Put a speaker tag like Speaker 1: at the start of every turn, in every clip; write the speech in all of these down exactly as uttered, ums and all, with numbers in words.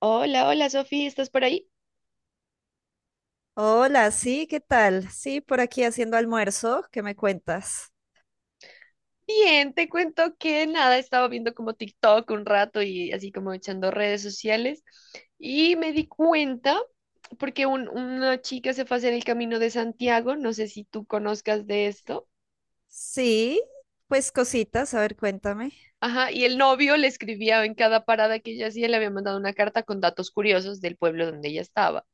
Speaker 1: Hola, hola Sofía, ¿estás por ahí?
Speaker 2: Hola, sí, ¿qué tal? Sí, por aquí haciendo almuerzo, ¿qué me cuentas?
Speaker 1: Bien, te cuento que nada, estaba viendo como TikTok un rato y así como echando redes sociales y me di cuenta porque un- una chica se fue a hacer el Camino de Santiago, no sé si tú conozcas de esto,
Speaker 2: Sí, pues cositas, a ver, cuéntame.
Speaker 1: ajá, y el novio le escribía en cada parada que ella hacía, le había mandado una carta con datos curiosos del pueblo donde ella estaba.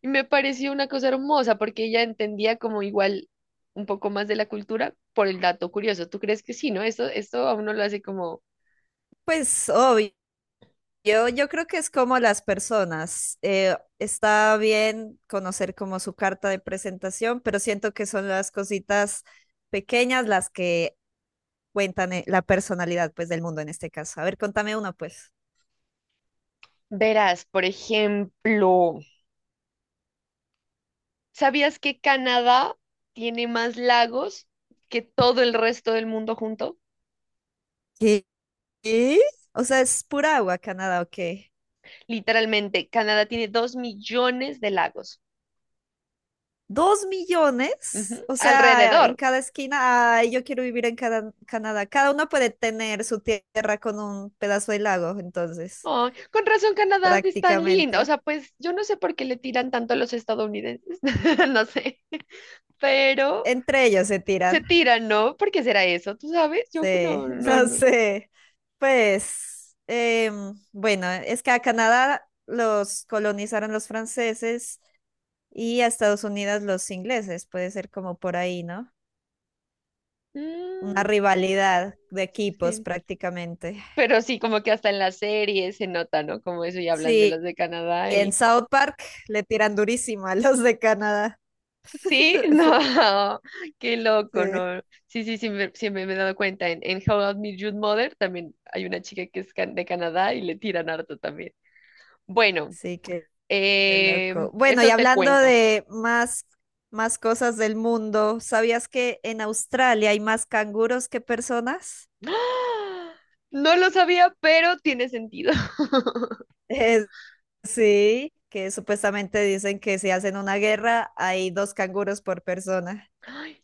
Speaker 1: Y me pareció una cosa hermosa porque ella entendía como igual un poco más de la cultura por el dato curioso. ¿Tú crees que sí, no? Esto, esto a uno lo hace como...
Speaker 2: Pues obvio, yo creo que es como las personas. eh, está bien conocer como su carta de presentación, pero siento que son las cositas pequeñas las que cuentan eh, la personalidad pues del mundo en este caso. A ver, contame uno pues.
Speaker 1: Verás, por ejemplo, ¿sabías que Canadá tiene más lagos que todo el resto del mundo junto?
Speaker 2: ¿Qué? ¿Qué? O sea, ¿es pura agua Canadá o qué?
Speaker 1: Literalmente, Canadá tiene dos millones de lagos.
Speaker 2: Dos
Speaker 1: Ujú,
Speaker 2: millones, o sea, en
Speaker 1: alrededor.
Speaker 2: cada esquina, ay, yo quiero vivir en cada, Canadá. Cada uno puede tener su tierra con un pedazo de lago, entonces,
Speaker 1: Ay, con razón, Canadá es tan lindo. O
Speaker 2: prácticamente.
Speaker 1: sea, pues yo no sé por qué le tiran tanto a los estadounidenses, no sé, pero
Speaker 2: Entre ellos se tiran.
Speaker 1: se tiran, ¿no? ¿Por qué será eso? ¿Tú sabes? Yo
Speaker 2: Sí,
Speaker 1: no, no,
Speaker 2: no
Speaker 1: no.
Speaker 2: sé. Pues, em, bueno, es que a Canadá los colonizaron los franceses y a Estados Unidos los ingleses. Puede ser como por ahí, ¿no? Una
Speaker 1: Mm,
Speaker 2: rivalidad de equipos
Speaker 1: sí.
Speaker 2: prácticamente.
Speaker 1: Pero sí, como que hasta en las series se nota, ¿no? Como eso, y hablan de
Speaker 2: Sí,
Speaker 1: los de Canadá
Speaker 2: y en
Speaker 1: y...
Speaker 2: South Park le tiran durísimo a los de Canadá.
Speaker 1: Sí, no, qué loco,
Speaker 2: Sí,
Speaker 1: ¿no? Sí, sí, sí, me- siempre me he dado cuenta. En, en How I Met Your Mother también hay una chica que es can- de Canadá y le tiran harto también. Bueno,
Speaker 2: sí, qué, qué
Speaker 1: eh,
Speaker 2: loco. Bueno, y
Speaker 1: eso te
Speaker 2: hablando
Speaker 1: cuento.
Speaker 2: de más, más cosas del mundo, ¿sabías que en Australia hay más canguros que personas?
Speaker 1: ¡Ah! No lo sabía, pero tiene sentido.
Speaker 2: Eh, sí, que supuestamente dicen que si hacen una guerra hay dos canguros por persona.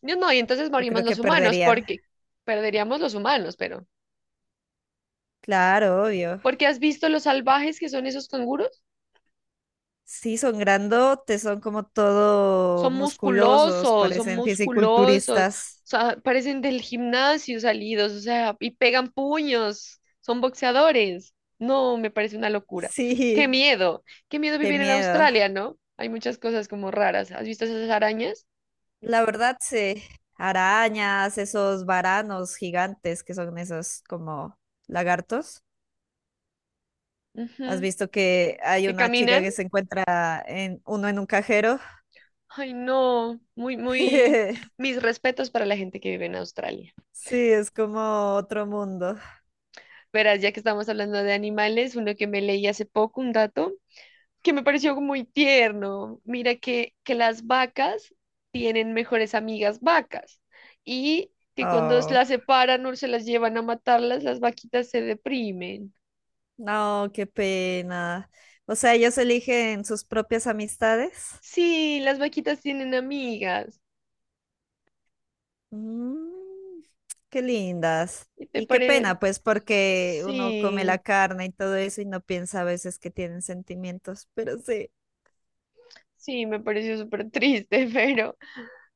Speaker 1: No, no, y entonces
Speaker 2: Yo
Speaker 1: morimos
Speaker 2: creo
Speaker 1: los
Speaker 2: que
Speaker 1: humanos
Speaker 2: perderían.
Speaker 1: porque perderíamos los humanos, pero...
Speaker 2: Claro, obvio.
Speaker 1: ¿Porque has visto los salvajes que son esos canguros?
Speaker 2: Sí, son grandotes, son como todo
Speaker 1: Son
Speaker 2: musculosos,
Speaker 1: musculosos, son
Speaker 2: parecen
Speaker 1: musculosos, o
Speaker 2: fisiculturistas.
Speaker 1: sea, parecen del gimnasio salidos, o sea, y pegan puños, son boxeadores. No, me parece una locura. Qué
Speaker 2: Sí,
Speaker 1: miedo, qué miedo
Speaker 2: qué
Speaker 1: vivir en
Speaker 2: miedo.
Speaker 1: Australia, ¿no? Hay muchas cosas como raras. ¿Has visto esas arañas?
Speaker 2: La verdad, sí. Arañas, esos varanos gigantes que son esos como lagartos. ¿Has
Speaker 1: Ujú,
Speaker 2: visto que hay
Speaker 1: que
Speaker 2: una chica
Speaker 1: caminan.
Speaker 2: que se encuentra en uno en un cajero?
Speaker 1: Ay, no, muy, muy, mis respetos para la gente que vive en Australia.
Speaker 2: Sí, es como otro mundo.
Speaker 1: Verás, ya que estamos hablando de animales, uno que me leí hace poco, un dato, que me pareció muy tierno. Mira que, que las vacas tienen mejores amigas vacas y que cuando
Speaker 2: Oh,
Speaker 1: las separan o se las llevan a matarlas, las vaquitas se deprimen.
Speaker 2: no, qué pena. O sea, ellos eligen sus propias amistades.
Speaker 1: Sí, las vaquitas tienen amigas.
Speaker 2: Mm, qué lindas.
Speaker 1: ¿Y te
Speaker 2: Y qué
Speaker 1: parece?
Speaker 2: pena, pues, porque uno come la
Speaker 1: Sí,
Speaker 2: carne y todo eso y no piensa a veces que tienen sentimientos, pero sí.
Speaker 1: sí, me pareció súper triste, pero,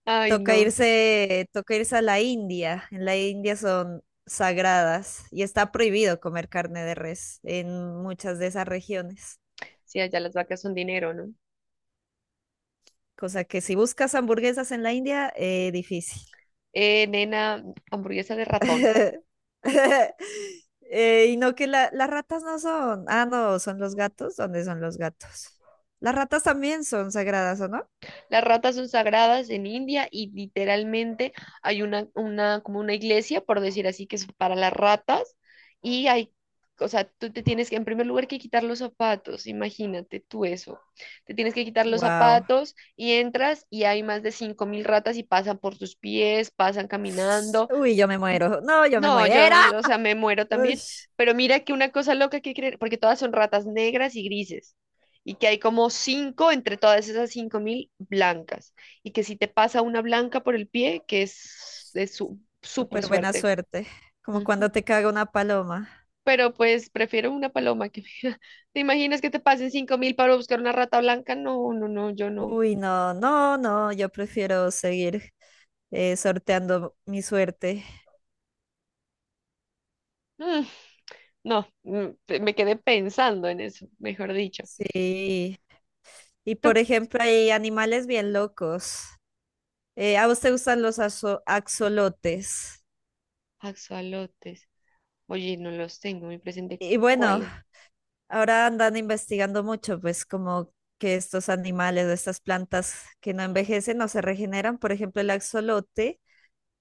Speaker 1: ay,
Speaker 2: Toca
Speaker 1: no.
Speaker 2: irse, toca irse a la India. En la India son sagradas y está prohibido comer carne de res en muchas de esas regiones.
Speaker 1: Sí, allá las vacas son dinero, ¿no?
Speaker 2: Cosa que si buscas hamburguesas en la India, eh, difícil.
Speaker 1: Eh, nena, hamburguesa de ratón.
Speaker 2: Eh, y no que la- las ratas no son. Ah, no, son los gatos. ¿Dónde son los gatos? Las ratas también son sagradas, ¿o no?
Speaker 1: Las ratas son sagradas en India y literalmente hay una, una, como una iglesia, por decir así, que es para las ratas y hay... O sea, tú te tienes que, en primer lugar, que quitar los zapatos, imagínate tú eso. Te tienes que quitar los
Speaker 2: Wow.
Speaker 1: zapatos y entras y hay más de cinco mil ratas y pasan por tus pies, pasan caminando,
Speaker 2: Uy, yo me muero. No, yo me
Speaker 1: no,
Speaker 2: muero.
Speaker 1: yo, yo, o sea, me muero también.
Speaker 2: Ush,
Speaker 1: Pero mira que una cosa loca que creen, porque todas son ratas negras y grises, y que hay como cinco entre todas esas cinco mil blancas, y que si te pasa una blanca por el pie, que es, es su- súper
Speaker 2: súper buena
Speaker 1: suerte.
Speaker 2: suerte. Como
Speaker 1: Ujú.
Speaker 2: cuando te caga una paloma.
Speaker 1: Pero pues prefiero una paloma que... ¿Te imaginas que te pasen cinco mil para buscar una rata blanca? No, no, no, yo no.
Speaker 2: Uy, no, no, no. Yo prefiero seguir eh, sorteando mi suerte.
Speaker 1: Mm, no, mm, pe- me quedé pensando en eso, mejor dicho.
Speaker 2: Sí. Y
Speaker 1: Tú...
Speaker 2: por ejemplo, hay animales bien locos. Eh, ¿a vos te gustan los azo- axolotes?
Speaker 1: Axolotes. Oye, no los tengo muy presente.
Speaker 2: Y bueno,
Speaker 1: ¿Cuáles?
Speaker 2: ahora andan investigando mucho, pues como que estos animales o estas plantas que no envejecen o se regeneran. Por ejemplo, el axolote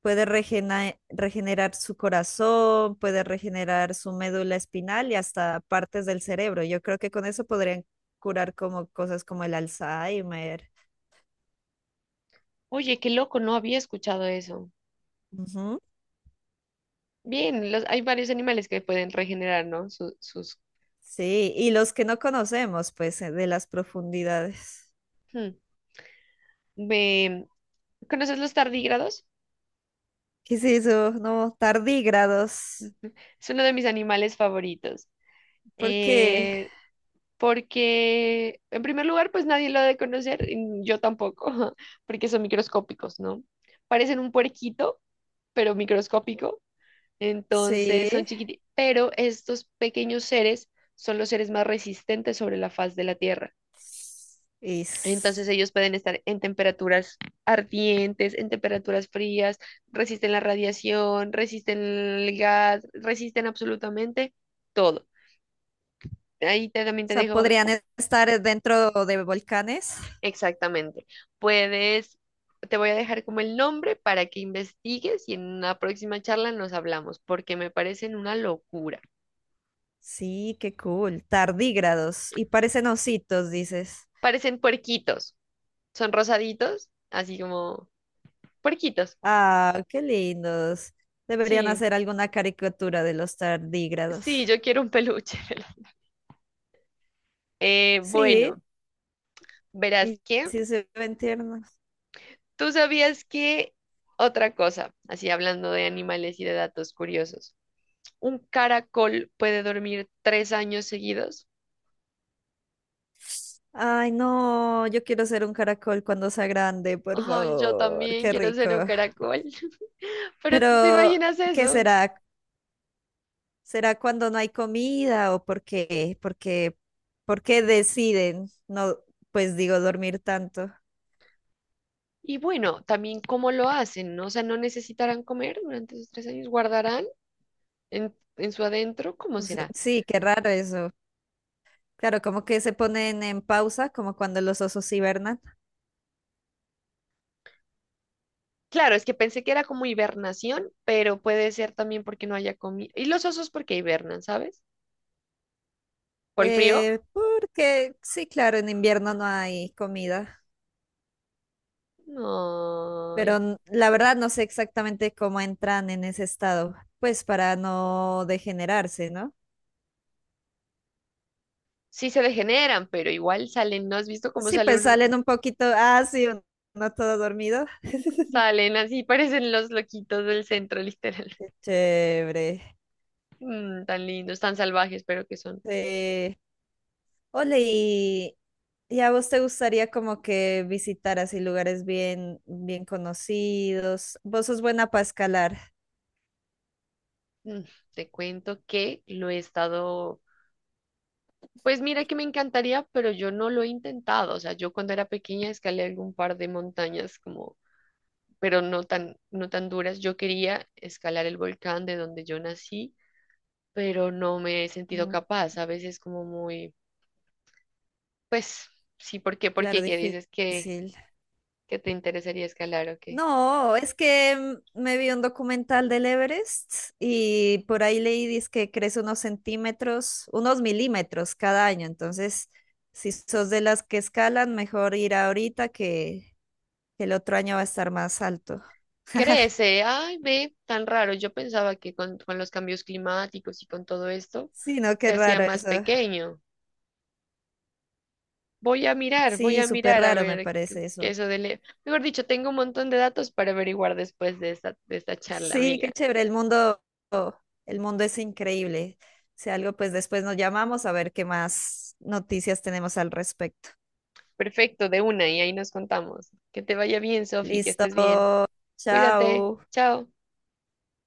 Speaker 2: puede regena- regenerar su corazón, puede regenerar su médula espinal y hasta partes del cerebro. Yo creo que con eso podrían curar como cosas como el Alzheimer.
Speaker 1: Oye, qué loco, no había escuchado eso.
Speaker 2: Ujú.
Speaker 1: Bien, los, hay varios animales que pueden regenerar, ¿no? Su- sus...
Speaker 2: Sí, y los que no conocemos, pues, eh, de las profundidades.
Speaker 1: Hmm. Ve, ¿conoces los tardígrados?
Speaker 2: ¿Qué es eso? No, tardígrados.
Speaker 1: Ujú. Es uno de mis animales favoritos.
Speaker 2: Porque
Speaker 1: Eh, porque, en primer lugar, pues nadie lo ha de conocer, y yo tampoco, porque son microscópicos, ¿no? Parecen un puerquito, pero microscópico. Entonces son
Speaker 2: sí,
Speaker 1: chiquititos, pero estos pequeños seres son los seres más resistentes sobre la faz de la Tierra. Entonces
Speaker 2: es...
Speaker 1: ellos pueden estar en temperaturas ardientes, en temperaturas frías, resisten la radiación, resisten el gas, resisten absolutamente todo. Ahí te- también
Speaker 2: o
Speaker 1: te
Speaker 2: sea,
Speaker 1: dejo
Speaker 2: podrían
Speaker 1: como...
Speaker 2: estar dentro de volcanes.
Speaker 1: exactamente. Puedes, te voy a dejar como el nombre para que investigues y en una próxima charla nos hablamos, porque me parecen una locura.
Speaker 2: Sí, qué cool. Tardígrados. Y parecen ositos, dices.
Speaker 1: Parecen puerquitos. Son rosaditos, así como puerquitos.
Speaker 2: Ah, qué lindos. Deberían
Speaker 1: Sí,
Speaker 2: hacer alguna caricatura de los tardígrados.
Speaker 1: sí, yo quiero un peluche. Vela. Eh, bueno,
Speaker 2: Sí, y
Speaker 1: verás
Speaker 2: y
Speaker 1: que
Speaker 2: sí se ven tiernos.
Speaker 1: tú sabías que otra cosa, así hablando de animales y de datos curiosos, un caracol puede dormir tres años seguidos.
Speaker 2: Ay, no, yo quiero ser un caracol cuando sea grande, por
Speaker 1: Ay, yo
Speaker 2: favor.
Speaker 1: también
Speaker 2: Qué
Speaker 1: quiero
Speaker 2: rico.
Speaker 1: ser un caracol, pero tú te
Speaker 2: Pero,
Speaker 1: imaginas
Speaker 2: ¿qué
Speaker 1: eso.
Speaker 2: será? ¿Será cuando no hay comida o por qué? ¿Por qué, por qué deciden no, pues digo, dormir tanto?
Speaker 1: Y bueno, también cómo lo hacen, ¿no? O sea, no necesitarán comer durante esos tres años, guardarán en, en su adentro, ¿cómo
Speaker 2: O sea,
Speaker 1: será?
Speaker 2: sí, qué raro eso. Claro, como que se ponen en pausa, como cuando los osos hibernan.
Speaker 1: Claro, es que pensé que era como hibernación, pero puede ser también porque no haya comido. Y los osos porque hibernan, ¿sabes? ¿Por el frío?
Speaker 2: Eh, porque sí, claro, en invierno no hay comida,
Speaker 1: No.
Speaker 2: pero n- la verdad no sé exactamente cómo entran en ese estado, pues para no degenerarse, ¿no?
Speaker 1: Sí se degeneran, pero igual salen. ¿No has visto cómo
Speaker 2: Sí,
Speaker 1: sale
Speaker 2: pues
Speaker 1: uno?
Speaker 2: salen un poquito, ah, sí, un- uno todo dormido.
Speaker 1: Salen así, parecen los loquitos del centro, literal.
Speaker 2: Qué chévere.
Speaker 1: Mm, tan lindos, tan salvajes, pero que son.
Speaker 2: Eh, Ole, ¿y, y a vos te gustaría como que visitar así lugares bien, bien conocidos? Vos sos buena para escalar.
Speaker 1: Mm, te cuento que lo he estado. Pues mira que me encantaría, pero yo no lo he intentado. O sea, yo cuando era pequeña escalé algún par de montañas como... pero no tan, no tan duras. Yo quería escalar el volcán de donde yo nací, pero no me he sentido
Speaker 2: Mm,
Speaker 1: capaz. A veces como muy, pues, sí, ¿por qué? ¿Por
Speaker 2: claro,
Speaker 1: qué? ¿Qué dices que,
Speaker 2: difícil.
Speaker 1: que te interesaría escalar o qué?
Speaker 2: No, es que mm, me vi un documental del Everest y por ahí leí dizque que crece unos centímetros, unos milímetros cada año. Entonces, si sos de las que escalan, mejor ir ahorita que, que el otro año va a estar más alto.
Speaker 1: Crece, ay, ve, tan raro. Yo pensaba que con, con los cambios climáticos y con todo esto
Speaker 2: Sí, no,
Speaker 1: se
Speaker 2: qué
Speaker 1: hacía
Speaker 2: raro
Speaker 1: más
Speaker 2: eso.
Speaker 1: pequeño. Voy a mirar, voy
Speaker 2: Sí,
Speaker 1: a
Speaker 2: súper
Speaker 1: mirar a
Speaker 2: raro me
Speaker 1: ver qué
Speaker 2: parece
Speaker 1: qué
Speaker 2: eso.
Speaker 1: eso de... le- Mejor dicho, tengo un montón de datos para averiguar después de esta, de esta charla,
Speaker 2: Sí,
Speaker 1: amiga.
Speaker 2: qué chévere, el mundo, el mundo es increíble. Si algo, pues después nos llamamos a ver qué más noticias tenemos al respecto.
Speaker 1: Perfecto, de una, y ahí nos contamos. Que te vaya bien, Sofi, que
Speaker 2: Listo,
Speaker 1: estés bien. Cuídate.
Speaker 2: chao.
Speaker 1: Chao.